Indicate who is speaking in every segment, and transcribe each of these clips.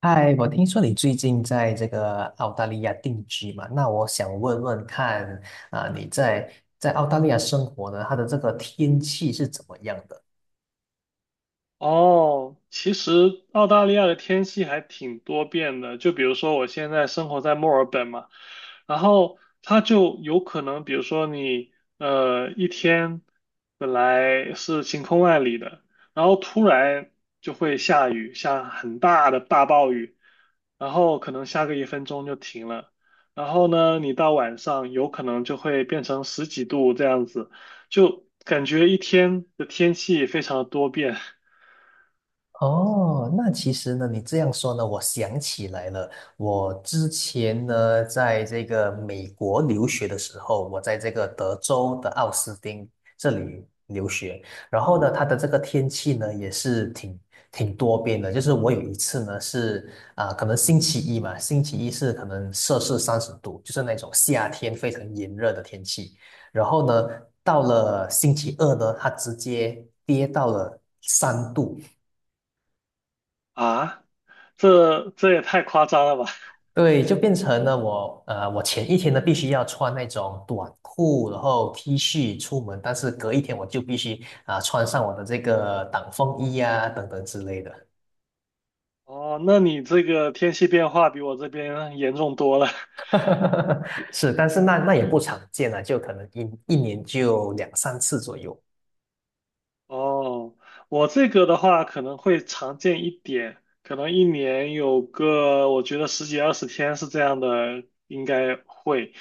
Speaker 1: 嗨，我听说你最近在这个澳大利亚定居嘛？那我想问问看，你在澳大利亚生活呢，它的这个天气是怎么样的？
Speaker 2: 哦，其实澳大利亚的天气还挺多变的，就比如说我现在生活在墨尔本嘛，然后它就有可能，比如说你一天本来是晴空万里的，然后突然就会下雨，下很大的大暴雨，然后可能下个1分钟就停了，然后呢，你到晚上有可能就会变成十几度这样子，就感觉一天的天气非常的多变。
Speaker 1: 哦，那其实呢，你这样说呢，我想起来了。我之前呢，在这个美国留学的时候，我在这个德州的奥斯汀这里留学，然后呢，它
Speaker 2: 嗯，
Speaker 1: 的这个天气呢，也是挺多变的。就是我有一次呢，是可能星期一嘛，星期一是可能摄氏30度，就是那种夏天非常炎热的天气。然后呢，到了星期二呢，它直接跌到了3度，
Speaker 2: 啊，这也太夸张了吧？
Speaker 1: 对，就变成了我前一天呢必须要穿那种短裤，然后 T 恤出门，但是隔一天我就必须穿上我的这个挡风衣啊等等之类的。
Speaker 2: 哦，那你这个天气变化比我这边严重多了。
Speaker 1: 是，但是那也不常见啊，就可能一年就两三次左右。
Speaker 2: 哦，我这个的话可能会常见一点，可能一年有个我觉得十几二十天是这样的，应该会。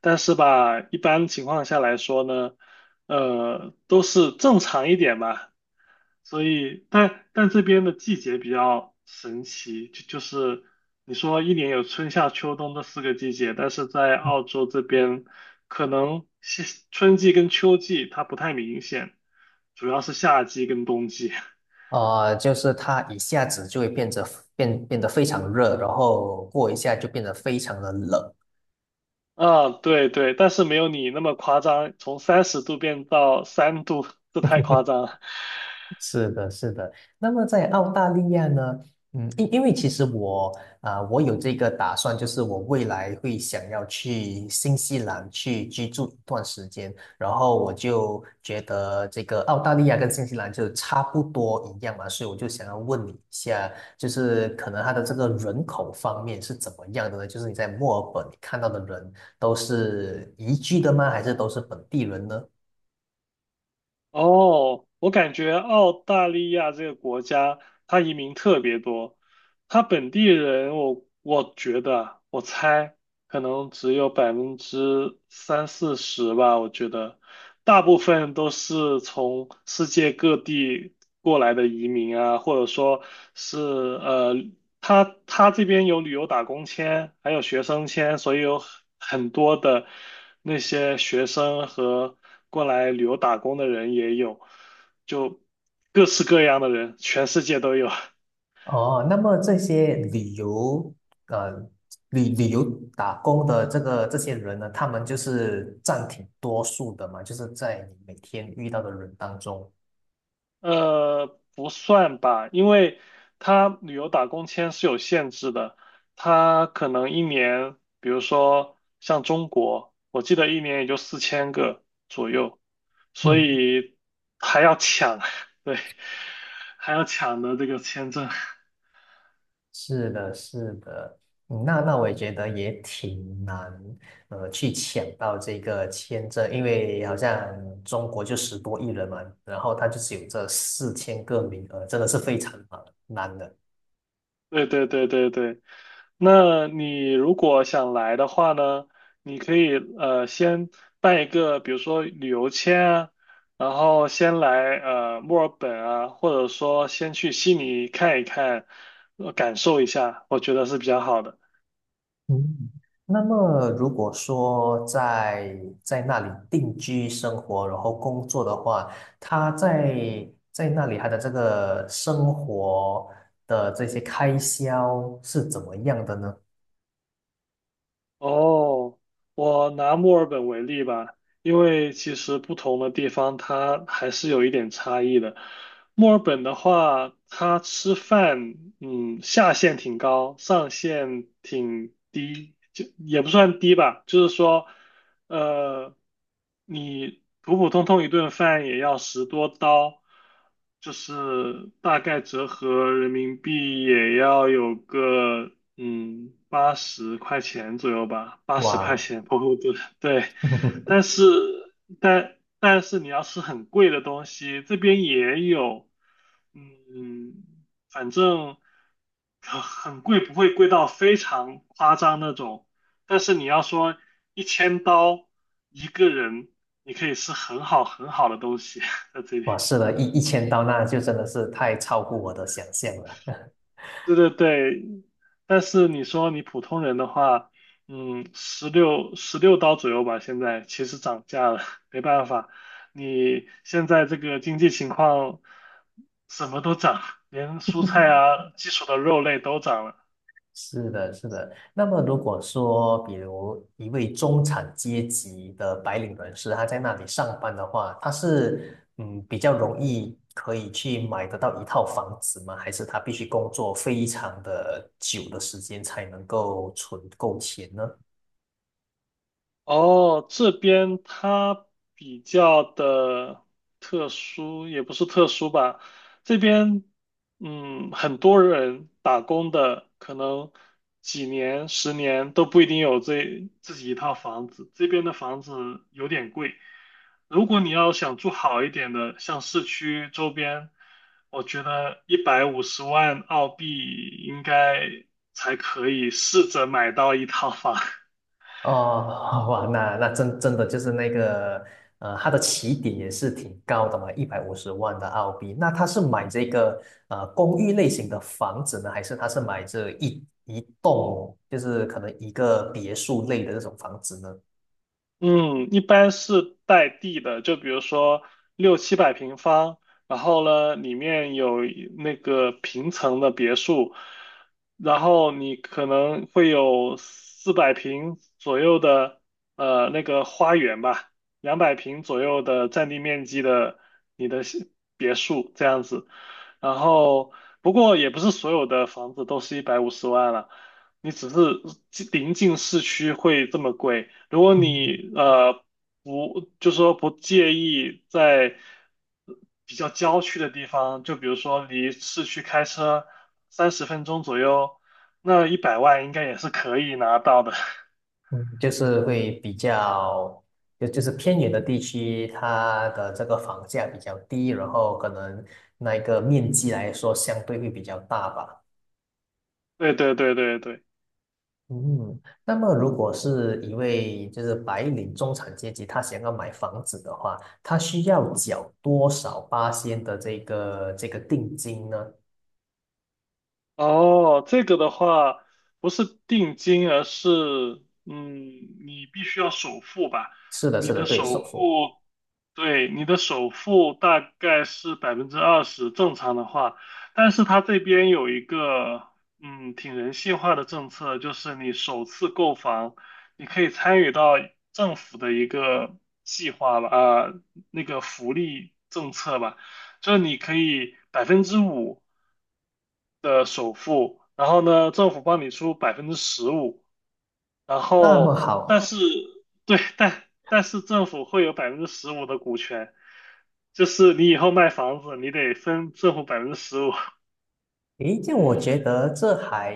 Speaker 2: 但是吧，一般情况下来说呢，都是正常一点吧。所以，但这边的季节比较神奇，就是你说一年有春夏秋冬这四个季节，但是在澳洲这边，可能春季跟秋季它不太明显，主要是夏季跟冬季。
Speaker 1: 啊，就是它一下子就会变得非常热，然后过一下就变得非常的冷，
Speaker 2: 啊，对对，但是没有你那么夸张，从30度变到3度，这太夸张了。
Speaker 1: 是的，是的。那么在澳大利亚呢，因为其实我有这个打算，就是我未来会想要去新西兰去居住一段时间，然后我就觉得这个澳大利亚跟新西兰就差不多一样嘛，所以我就想要问你一下，就是可能它的这个人口方面是怎么样的呢？就是你在墨尔本你看到的人都是移居的吗？还是都是本地人呢？
Speaker 2: 哦，我感觉澳大利亚这个国家，它移民特别多，他本地人我觉得啊我猜可能只有百分之三四十吧。我觉得大部分都是从世界各地过来的移民啊，或者说是他这边有旅游打工签，还有学生签，所以有很多的那些学生和过来旅游打工的人也有，就各式各样的人，全世界都有。
Speaker 1: 哦，那么这些呃，旅游打工的这个这些人呢，他们就是占挺多数的嘛，就是在你每天遇到的人当中。
Speaker 2: 不算吧，因为他旅游打工签是有限制的，他可能一年，比如说像中国，我记得一年也就4000个左右，所
Speaker 1: 嗯，
Speaker 2: 以还要抢，对，还要抢的这个签证。
Speaker 1: 是的，是的，那我也觉得也挺难，去抢到这个签证，因为好像中国就十多亿人嘛，然后他就只有这4000个名额，真的是非常难的。
Speaker 2: 对对对对对，那你如果想来的话呢，你可以先办一个，比如说旅游签啊，然后先来墨尔本啊，或者说先去悉尼看一看，感受一下，我觉得是比较好的。
Speaker 1: 嗯，那么如果说在那里定居生活，然后工作的话，他在那里他的这个生活的这些开销是怎么样的呢？
Speaker 2: 哦，我拿墨尔本为例吧，因为其实不同的地方它还是有一点差异的。墨尔本的话，它吃饭，下限挺高，上限挺低，就也不算低吧，就是说。呃，你普普通通一顿饭也要10多刀，就是大概折合人民币也要有个八十块钱左右吧，八十块
Speaker 1: 哇，
Speaker 2: 钱普普通对。但 是但是你要吃很贵的东西，这边也有，嗯，反正很贵，不会贵到非常夸张那种。但是你要说1000刀一个人，你可以吃很好很好的东西在这里。
Speaker 1: 哇，是的，一千刀，那就真的是太超乎我的想象了。
Speaker 2: 对对对，但是你说你普通人的话，十六刀左右吧，现在其实涨价了，没办法，你现在这个经济情况，什么都涨，连蔬菜啊、基础的肉类都涨了。
Speaker 1: 是的，是的。那么，如果说，比如一位中产阶级的白领人士，他在那里上班的话，他是比较容易可以去买得到一套房子吗？还是他必须工作非常的久的时间才能够存够钱呢？
Speaker 2: 哦，这边它比较的特殊，也不是特殊吧。这边，很多人打工的，可能几年、十年都不一定有这自己一套房子。这边的房子有点贵，如果你要想住好一点的，像市区周边，我觉得150万澳币应该才可以试着买到一套房。
Speaker 1: 哦，哇，那真的就是那个，它的起点也是挺高的嘛，150万的澳币。那他是买这个公寓类型的房子呢，还是他是买这一栋，就是可能一个别墅类的这种房子呢？
Speaker 2: 嗯，一般是带地的，就比如说六七百平方，然后呢，里面有一那个平层的别墅，然后你可能会有400平左右的那个花园吧，200平左右的占地面积的你的小别墅这样子，然后不过也不是所有的房子都是一百五十万了。你只是临近市区会这么贵。如果
Speaker 1: 嗯
Speaker 2: 你不，就说不介意在比较郊区的地方，就比如说离市区开车30分钟左右，那100万应该也是可以拿到的。
Speaker 1: 嗯就是会比较，就是偏远的地区，它的这个房价比较低，然后可能那个面积来说相对会比较大吧。
Speaker 2: 对对对对对。
Speaker 1: 嗯，那么如果是一位就是白领中产阶级，他想要买房子的话，他需要缴多少八仙的这个定金呢？
Speaker 2: 哦，这个的话不是定金，而是嗯，你必须要首付吧？
Speaker 1: 是的，
Speaker 2: 你
Speaker 1: 是的，
Speaker 2: 的
Speaker 1: 对，
Speaker 2: 首
Speaker 1: 首付。
Speaker 2: 付对，你的首付大概是20%，正常的话，但是它这边有一个挺人性化的政策，就是你首次购房，你可以参与到政府的一个计划吧，那个福利政策吧，就是你可以5%的首付，然后呢，政府帮你出百分之十五，然
Speaker 1: 那么
Speaker 2: 后，
Speaker 1: 好，
Speaker 2: 但是对，但是政府会有百分之十五的股权，就是你以后卖房子，你得分政府百分之十五。
Speaker 1: 诶，这样我觉得这还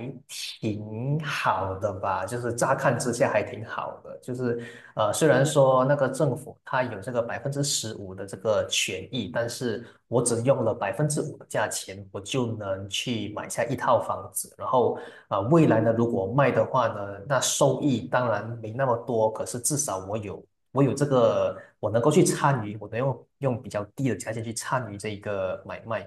Speaker 1: 挺好的吧，就是乍看之下还挺好的，就是虽然说那个政府它有这个15%的这个权益，但是我只用了5%的价钱，我就能去买下一套房子，然后啊，未来呢，如果卖的话呢，那收益当然没那么多，可是至少我有这个，我能够去参与，我能用比较低的价钱去参与这个买卖。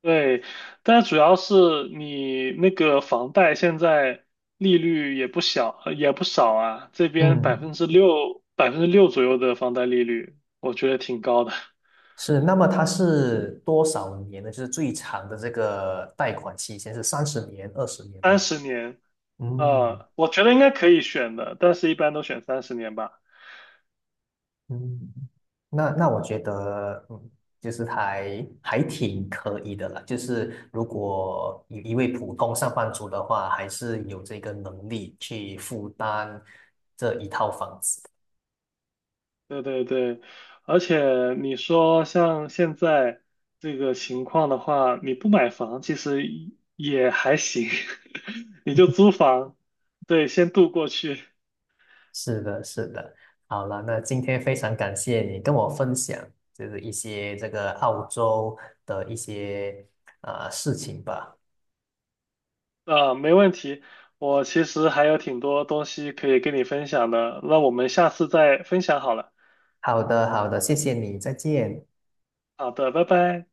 Speaker 2: 对，但主要是你那个房贷现在利率也不小，也不少啊，这边百
Speaker 1: 嗯。
Speaker 2: 分之六百分之六左右的房贷利率，我觉得挺高的，
Speaker 1: 是，那么它是多少年呢？就是最长的这个贷款期限是30年、20年
Speaker 2: 三
Speaker 1: 吗？
Speaker 2: 十年，
Speaker 1: 嗯
Speaker 2: 我觉得应该可以选的，但是一般都选三十年吧。
Speaker 1: 嗯，那我觉得，就是还挺可以的啦。就是如果一位普通上班族的话，还是有这个能力去负担这一套房子。
Speaker 2: 对对对，而且你说像现在这个情况的话，你不买房其实也还行，你就租房，对，先度过去
Speaker 1: 是的，是的。好了，那今天非常感谢你跟我分享，就是一些这个澳洲的一些事情吧。
Speaker 2: 啊，没问题。我其实还有挺多东西可以跟你分享的，那我们下次再分享好了。
Speaker 1: 好的，好的，谢谢你，再见。
Speaker 2: 好的，拜拜。